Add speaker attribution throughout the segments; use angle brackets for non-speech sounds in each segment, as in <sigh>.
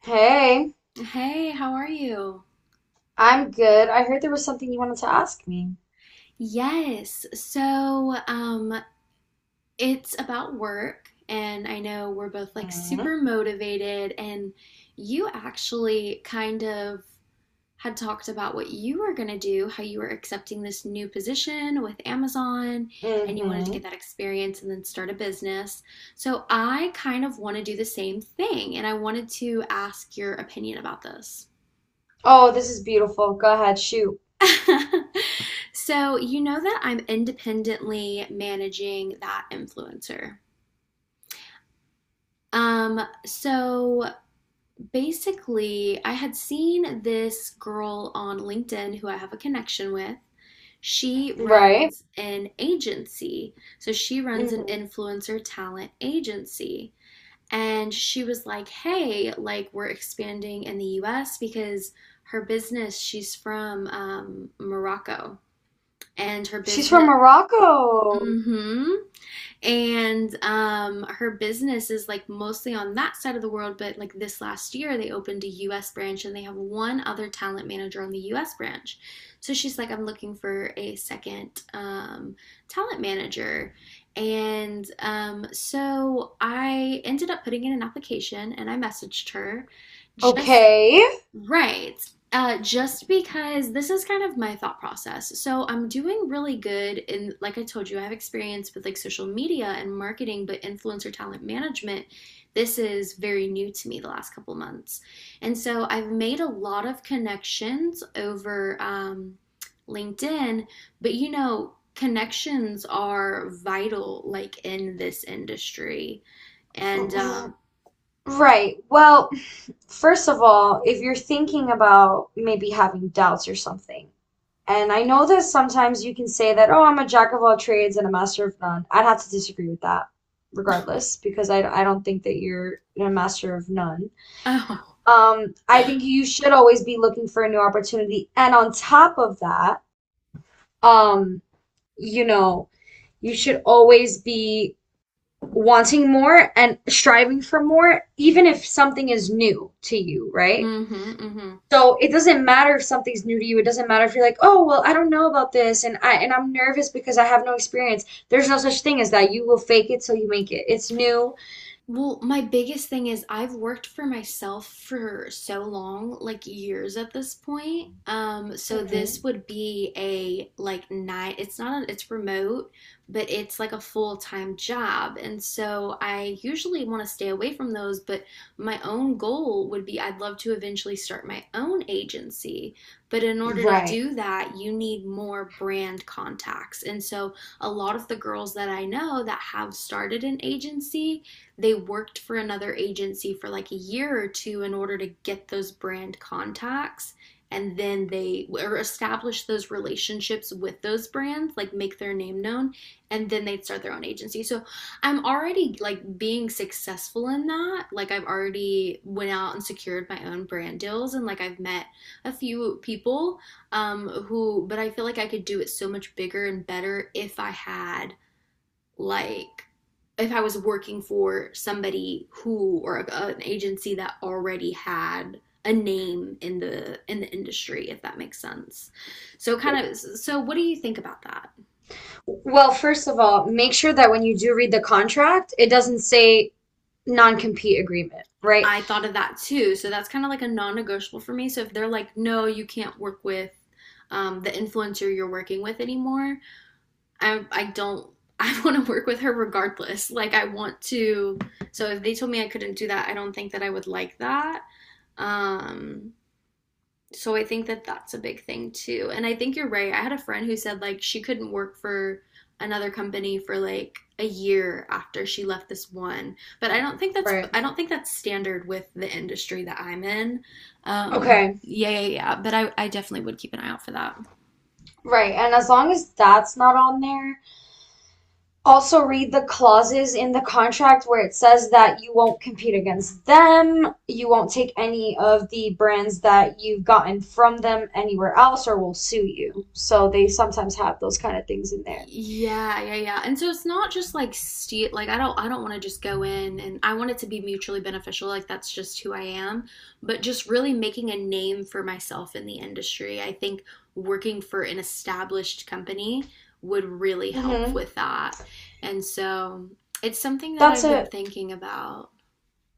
Speaker 1: Hey,
Speaker 2: Hey, how are you?
Speaker 1: I'm good. I heard there was something you wanted to ask me.
Speaker 2: Yes. So, it's about work, and I know we're both like
Speaker 1: Hmm.
Speaker 2: super motivated, and you actually kind of had talked about what you were going to do, how you were accepting this new position with Amazon, and you wanted to get
Speaker 1: Mm-hmm.
Speaker 2: that experience and then start a business. So, I kind of want to do the same thing, and I wanted to ask your opinion about this.
Speaker 1: Oh, this is beautiful. Go ahead, shoot.
Speaker 2: <laughs> So you know that I'm independently managing that influencer. Um, so basically, I had seen this girl on LinkedIn who I have a connection with. She
Speaker 1: Right?
Speaker 2: runs an agency. So she runs an
Speaker 1: Mm-hmm.
Speaker 2: influencer talent agency. And she was like, hey, like we're expanding in the US because her business, she's from Morocco. And her
Speaker 1: She's from
Speaker 2: business,
Speaker 1: Morocco.
Speaker 2: hmm And her business is like mostly on that side of the world, but like this last year, they opened a US branch and they have one other talent manager on the US branch. So she's like, I'm looking for a second talent manager. And so I ended up putting in an application and I messaged her just.
Speaker 1: Okay.
Speaker 2: Right. Just because this is kind of my thought process. So I'm doing really good in, like I told you, I have experience with like social media and marketing, but influencer talent management, this is very new to me the last couple months. And so I've made a lot of connections over LinkedIn, but you know, connections are vital like in this industry. And
Speaker 1: R- right. Well, first of all, if you're thinking about maybe having doubts or something, and I know that sometimes you can say that, oh, I'm a jack of all trades and a master of none. I'd have to disagree with that, regardless, because I don't think that you're a master of none.
Speaker 2: <laughs> oh,
Speaker 1: I think you should always be looking for a new opportunity. And on top of that, um, you know, you should always be wanting more and striving for more, even
Speaker 2: hmm,
Speaker 1: if something is new to you, right?
Speaker 2: mm, hmm.
Speaker 1: So it doesn't matter if something's new to you. It doesn't matter if you're like, oh, well, I don't know about this and I'm nervous because I have no experience. There's no such thing as that. You will fake it till you make it. It's new.
Speaker 2: Well, my biggest thing is I've worked for myself for so long, like years at this point. So this
Speaker 1: Hmm.
Speaker 2: would be a like night. It's not a, it's remote, but it's like a full-time job. And so I usually want to stay away from those, but my own goal would be I'd love to eventually start my own agency. But in order to
Speaker 1: Right.
Speaker 2: do that, you need more brand contacts. And so a lot of the girls that I know that have started an agency, they worked for another agency for like a year or two in order to get those brand contacts, and then they or establish those relationships with those brands, like make their name known, and then they'd start their own agency. So I'm already like being successful in that, like I've already went out and secured my own brand deals, and like I've met a few people, who, but I feel like I could do it so much bigger and better if I had, like, if I was working for somebody who, or a, an agency that already had a name in the industry, if that makes sense. So kind of, so what do you think about that?
Speaker 1: Well, first of all, make sure that when you do read the contract, it doesn't say non-compete agreement, right?
Speaker 2: I thought of that too. So that's kind of like a non-negotiable for me. So if they're like no, you can't work with the influencer you're working with anymore, I don't, <laughs> I want to work with her regardless. Like I want to. So if they told me I couldn't do that, I don't think that I would like that. Um, so I think that that's a big thing too. And I think you're right. I had a friend who said like she couldn't work for another company for like a year after she left this one. But I
Speaker 1: Right.
Speaker 2: don't think that's standard with the industry that I'm in. Um,
Speaker 1: Okay,
Speaker 2: yeah, yeah, yeah. But I definitely would keep an eye out for that.
Speaker 1: right. And as long as that's not on there, also read the clauses in the contract where it says that you won't compete against them, you won't take any of the brands that you've gotten from them anywhere else, or will sue you. So they sometimes have those kind of things in there.
Speaker 2: Yeah, yeah, yeah. And so it's not just like steal, like I don't want to just go in, and I want it to be mutually beneficial. Like that's just who I am, but just really making a name for myself in the industry. I think working for an established company would really help
Speaker 1: Hmm.
Speaker 2: with that. And so it's something that
Speaker 1: That's
Speaker 2: I've been
Speaker 1: it.
Speaker 2: thinking about.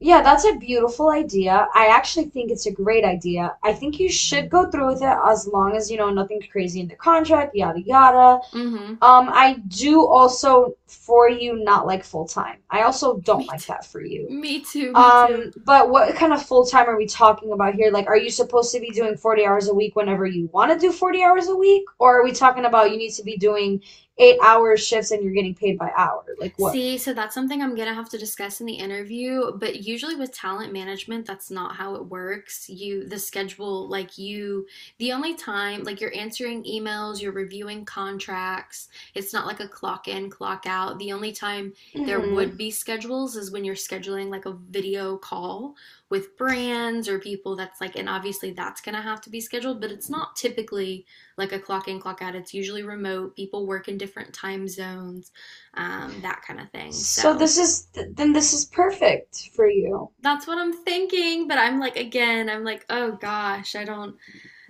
Speaker 1: Yeah, that's a beautiful idea. I actually think it's a great idea. I think you should go through with it as long as, you know, nothing's crazy in the contract, yada yada.
Speaker 2: Mhm.
Speaker 1: I do also for you not like full time. I also
Speaker 2: <laughs>
Speaker 1: don't
Speaker 2: Me
Speaker 1: like that
Speaker 2: too.
Speaker 1: for you.
Speaker 2: Me too. Me too.
Speaker 1: But what kind of full time are we talking about here? Like, are you supposed to be doing 40 hours a week whenever you want to do 40 hours a week? Or are we talking about you need to be doing 8-hour shifts and you're getting paid by hour? Like, what?
Speaker 2: See, so that's something I'm gonna have to discuss in the interview, but usually with talent management, that's not how it works. You, the schedule, like you, the only time, like you're answering emails, you're reviewing contracts, it's not like a clock in, clock out. The only time there
Speaker 1: Hmm.
Speaker 2: would be schedules is when you're scheduling like a video call with brands or people that's like, and obviously that's gonna have to be scheduled, but it's not typically like a clock in, clock out. It's usually remote. People work in different time zones, that kind of thing.
Speaker 1: So
Speaker 2: So
Speaker 1: then this is perfect for you.
Speaker 2: that's what I'm thinking. But I'm like, again, I'm like, oh gosh, I don't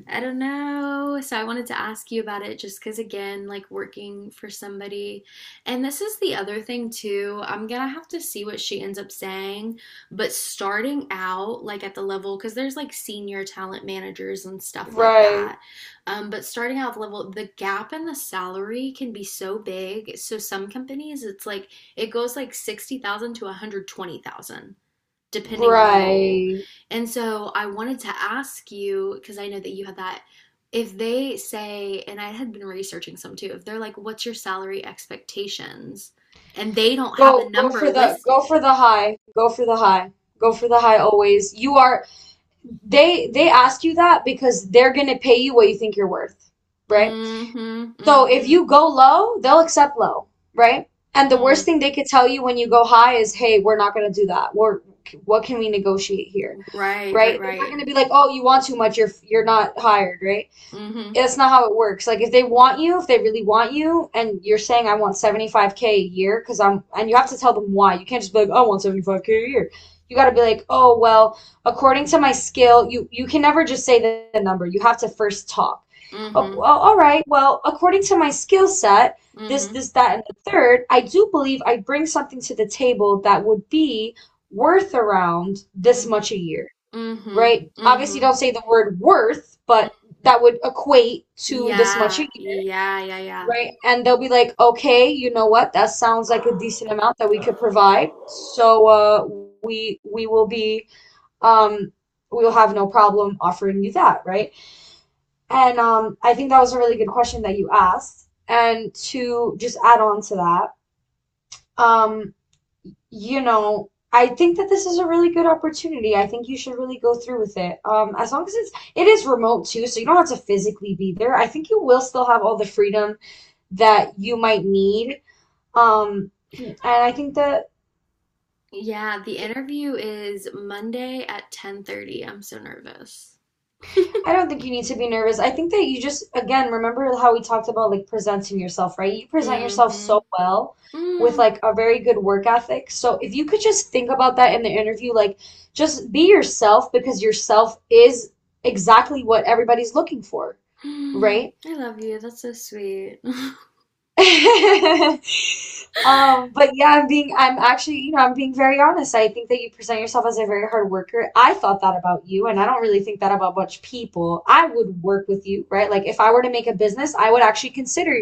Speaker 2: I don't know. So I wanted to ask you about it just because, again, like working for somebody. And this is the other thing, too. I'm gonna have to see what she ends up saying. But starting out, like at the level, because there's like senior talent managers and stuff like
Speaker 1: Right.
Speaker 2: that. But starting out level, the gap in the salary can be so big. So some companies, it's like it goes like 60,000 to 120,000 depending on the role.
Speaker 1: Right.
Speaker 2: And so I wanted to ask you, because I know that you had that, if they say, and I had been researching some too, if they're like, what's your salary expectations? And they don't have a number
Speaker 1: Go for
Speaker 2: listed.
Speaker 1: the high. Go for the high. Go for the high always. You are they ask you that because they're gonna pay you what you think you're worth, right?
Speaker 2: Mm-hmm,
Speaker 1: So if
Speaker 2: mm-hmm,
Speaker 1: you go low, they'll accept low, right? And the worst
Speaker 2: mm.
Speaker 1: thing they could tell you when you go high is, "Hey, we're not gonna do that. We're what can we negotiate here?"
Speaker 2: Right, right,
Speaker 1: Right? They're not
Speaker 2: right.
Speaker 1: gonna be like, "Oh, you want too much. You're not hired," right?
Speaker 2: Mm-hmm,
Speaker 1: That's not how it works. Like if they want you, if they really want you, and you're saying I want 75K a year and you have to tell them why. You can't just be like "Oh, I want 75K a year. You got to be like, oh well, according to my skill, you can never just say the number. You have to first talk. Oh,
Speaker 2: mm-hmm,
Speaker 1: well, all right. Well, according to my skill set, this
Speaker 2: mm-hmm,
Speaker 1: this that and the third, I do believe I bring something to the table that would be worth around this
Speaker 2: mm,
Speaker 1: much a year,
Speaker 2: mm-hmm,
Speaker 1: right? Obviously,
Speaker 2: mm-hmm.
Speaker 1: don't say the word worth, but that would equate to this much a
Speaker 2: Yeah,
Speaker 1: year,
Speaker 2: yeah, yeah, yeah.
Speaker 1: right? And they'll be like, okay, you know what? That sounds like a decent amount that we could provide. So we will be um, we'll have no problem offering you that, right? And I think that was a really good question that you asked. And to just add on to that, um, I think that this is a really good opportunity. I think you should really go through with it. As long as it is remote too, so you don't have to physically be there. I think you will still have all the freedom that you might need. Um, <clears throat> and I think that
Speaker 2: Yeah, the interview is Monday at 10:30. I'm so nervous.
Speaker 1: I don't think you need to be nervous. I think that you just, again, remember how we talked about like presenting yourself, right? You present yourself so
Speaker 2: Mhm.
Speaker 1: well with
Speaker 2: Mm.
Speaker 1: like a very good work ethic. So if you could just think about that in the interview, like just be yourself because yourself is exactly what everybody's looking for,
Speaker 2: <gasps>
Speaker 1: right?
Speaker 2: I love you. That's so sweet.
Speaker 1: <laughs> But yeah, I'm actually, I'm being very honest. I think that you present yourself as a very hard worker. I thought that about you, and I don't really think that about much people. I would work with you, right? Like if I were to make a business, I would actually consider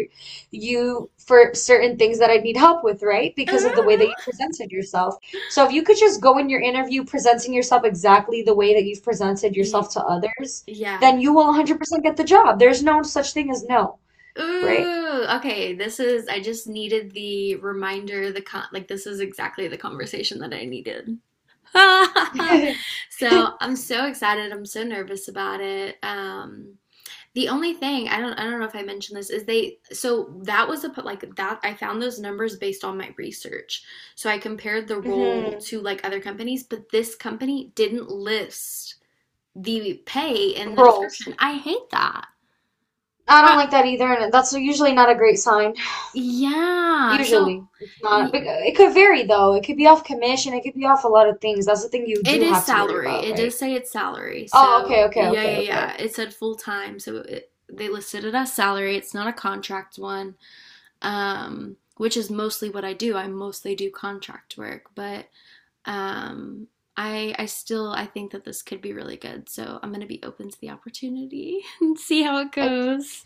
Speaker 1: you for certain things that I need help with, right?
Speaker 2: <laughs>
Speaker 1: Because of the way that
Speaker 2: Ooh.
Speaker 1: you presented yourself. So if you could just go in your interview presenting yourself exactly the way that you've presented
Speaker 2: Y-
Speaker 1: yourself to others,
Speaker 2: Yeah.
Speaker 1: then you will 100% get the job. There's no such thing as no, right?
Speaker 2: Ooh, okay. I just needed the reminder, the con like this is exactly the conversation that I needed. <laughs> So
Speaker 1: <laughs>
Speaker 2: I'm so excited. I'm so nervous about it. The only thing I don't know if I mentioned this is they, so that was a like that I found those numbers based on my research. So I compared the role
Speaker 1: Hmm.
Speaker 2: to like other companies, but this company didn't list the pay in the
Speaker 1: Rolls.
Speaker 2: description. I hate that.
Speaker 1: I don't
Speaker 2: Ha-
Speaker 1: like that either, and that's usually not a great sign.
Speaker 2: yeah. So
Speaker 1: Usually, it's not. It could vary though. It could be off commission. It could be off a lot of things. That's the thing you
Speaker 2: it
Speaker 1: do
Speaker 2: is
Speaker 1: have to worry
Speaker 2: salary.
Speaker 1: about,
Speaker 2: It does
Speaker 1: right?
Speaker 2: say it's salary.
Speaker 1: Oh,
Speaker 2: So
Speaker 1: okay, okay,
Speaker 2: yeah,
Speaker 1: okay,
Speaker 2: yeah,
Speaker 1: okay.
Speaker 2: yeah. It said full time. So it, they listed it as salary. It's not a contract one. Um, which is mostly what I do. I mostly do contract work, but um, I still I think that this could be really good. So I'm gonna be open to the opportunity <laughs> and see how it
Speaker 1: I th
Speaker 2: goes.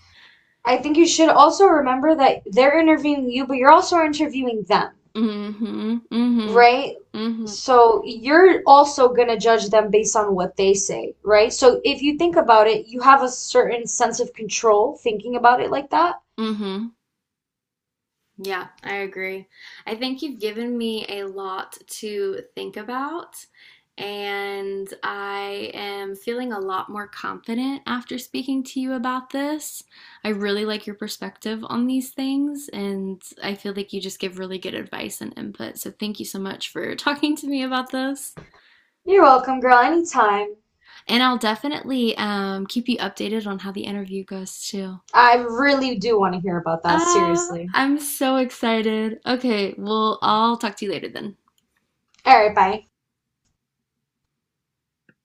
Speaker 1: I think you should also remember that they're interviewing you, but you're also interviewing them,
Speaker 2: Mm-hmm. Mm-hmm.
Speaker 1: right?
Speaker 2: Mm-hmm.
Speaker 1: So you're also gonna judge them based on what they say, right? So if you think about it, you have a certain sense of control thinking about it like that.
Speaker 2: Mm-hmm. Yeah, I agree. I think you've given me a lot to think about, and I am feeling a lot more confident after speaking to you about this. I really like your perspective on these things, and I feel like you just give really good advice and input. So thank you so much for <laughs> talking to me about this.
Speaker 1: You're welcome, girl, anytime.
Speaker 2: And I'll definitely keep you updated on how the interview goes too.
Speaker 1: I really do want to hear about that,
Speaker 2: Ah,
Speaker 1: seriously.
Speaker 2: I'm so excited. Okay, well, I'll talk to you later then.
Speaker 1: All right, bye.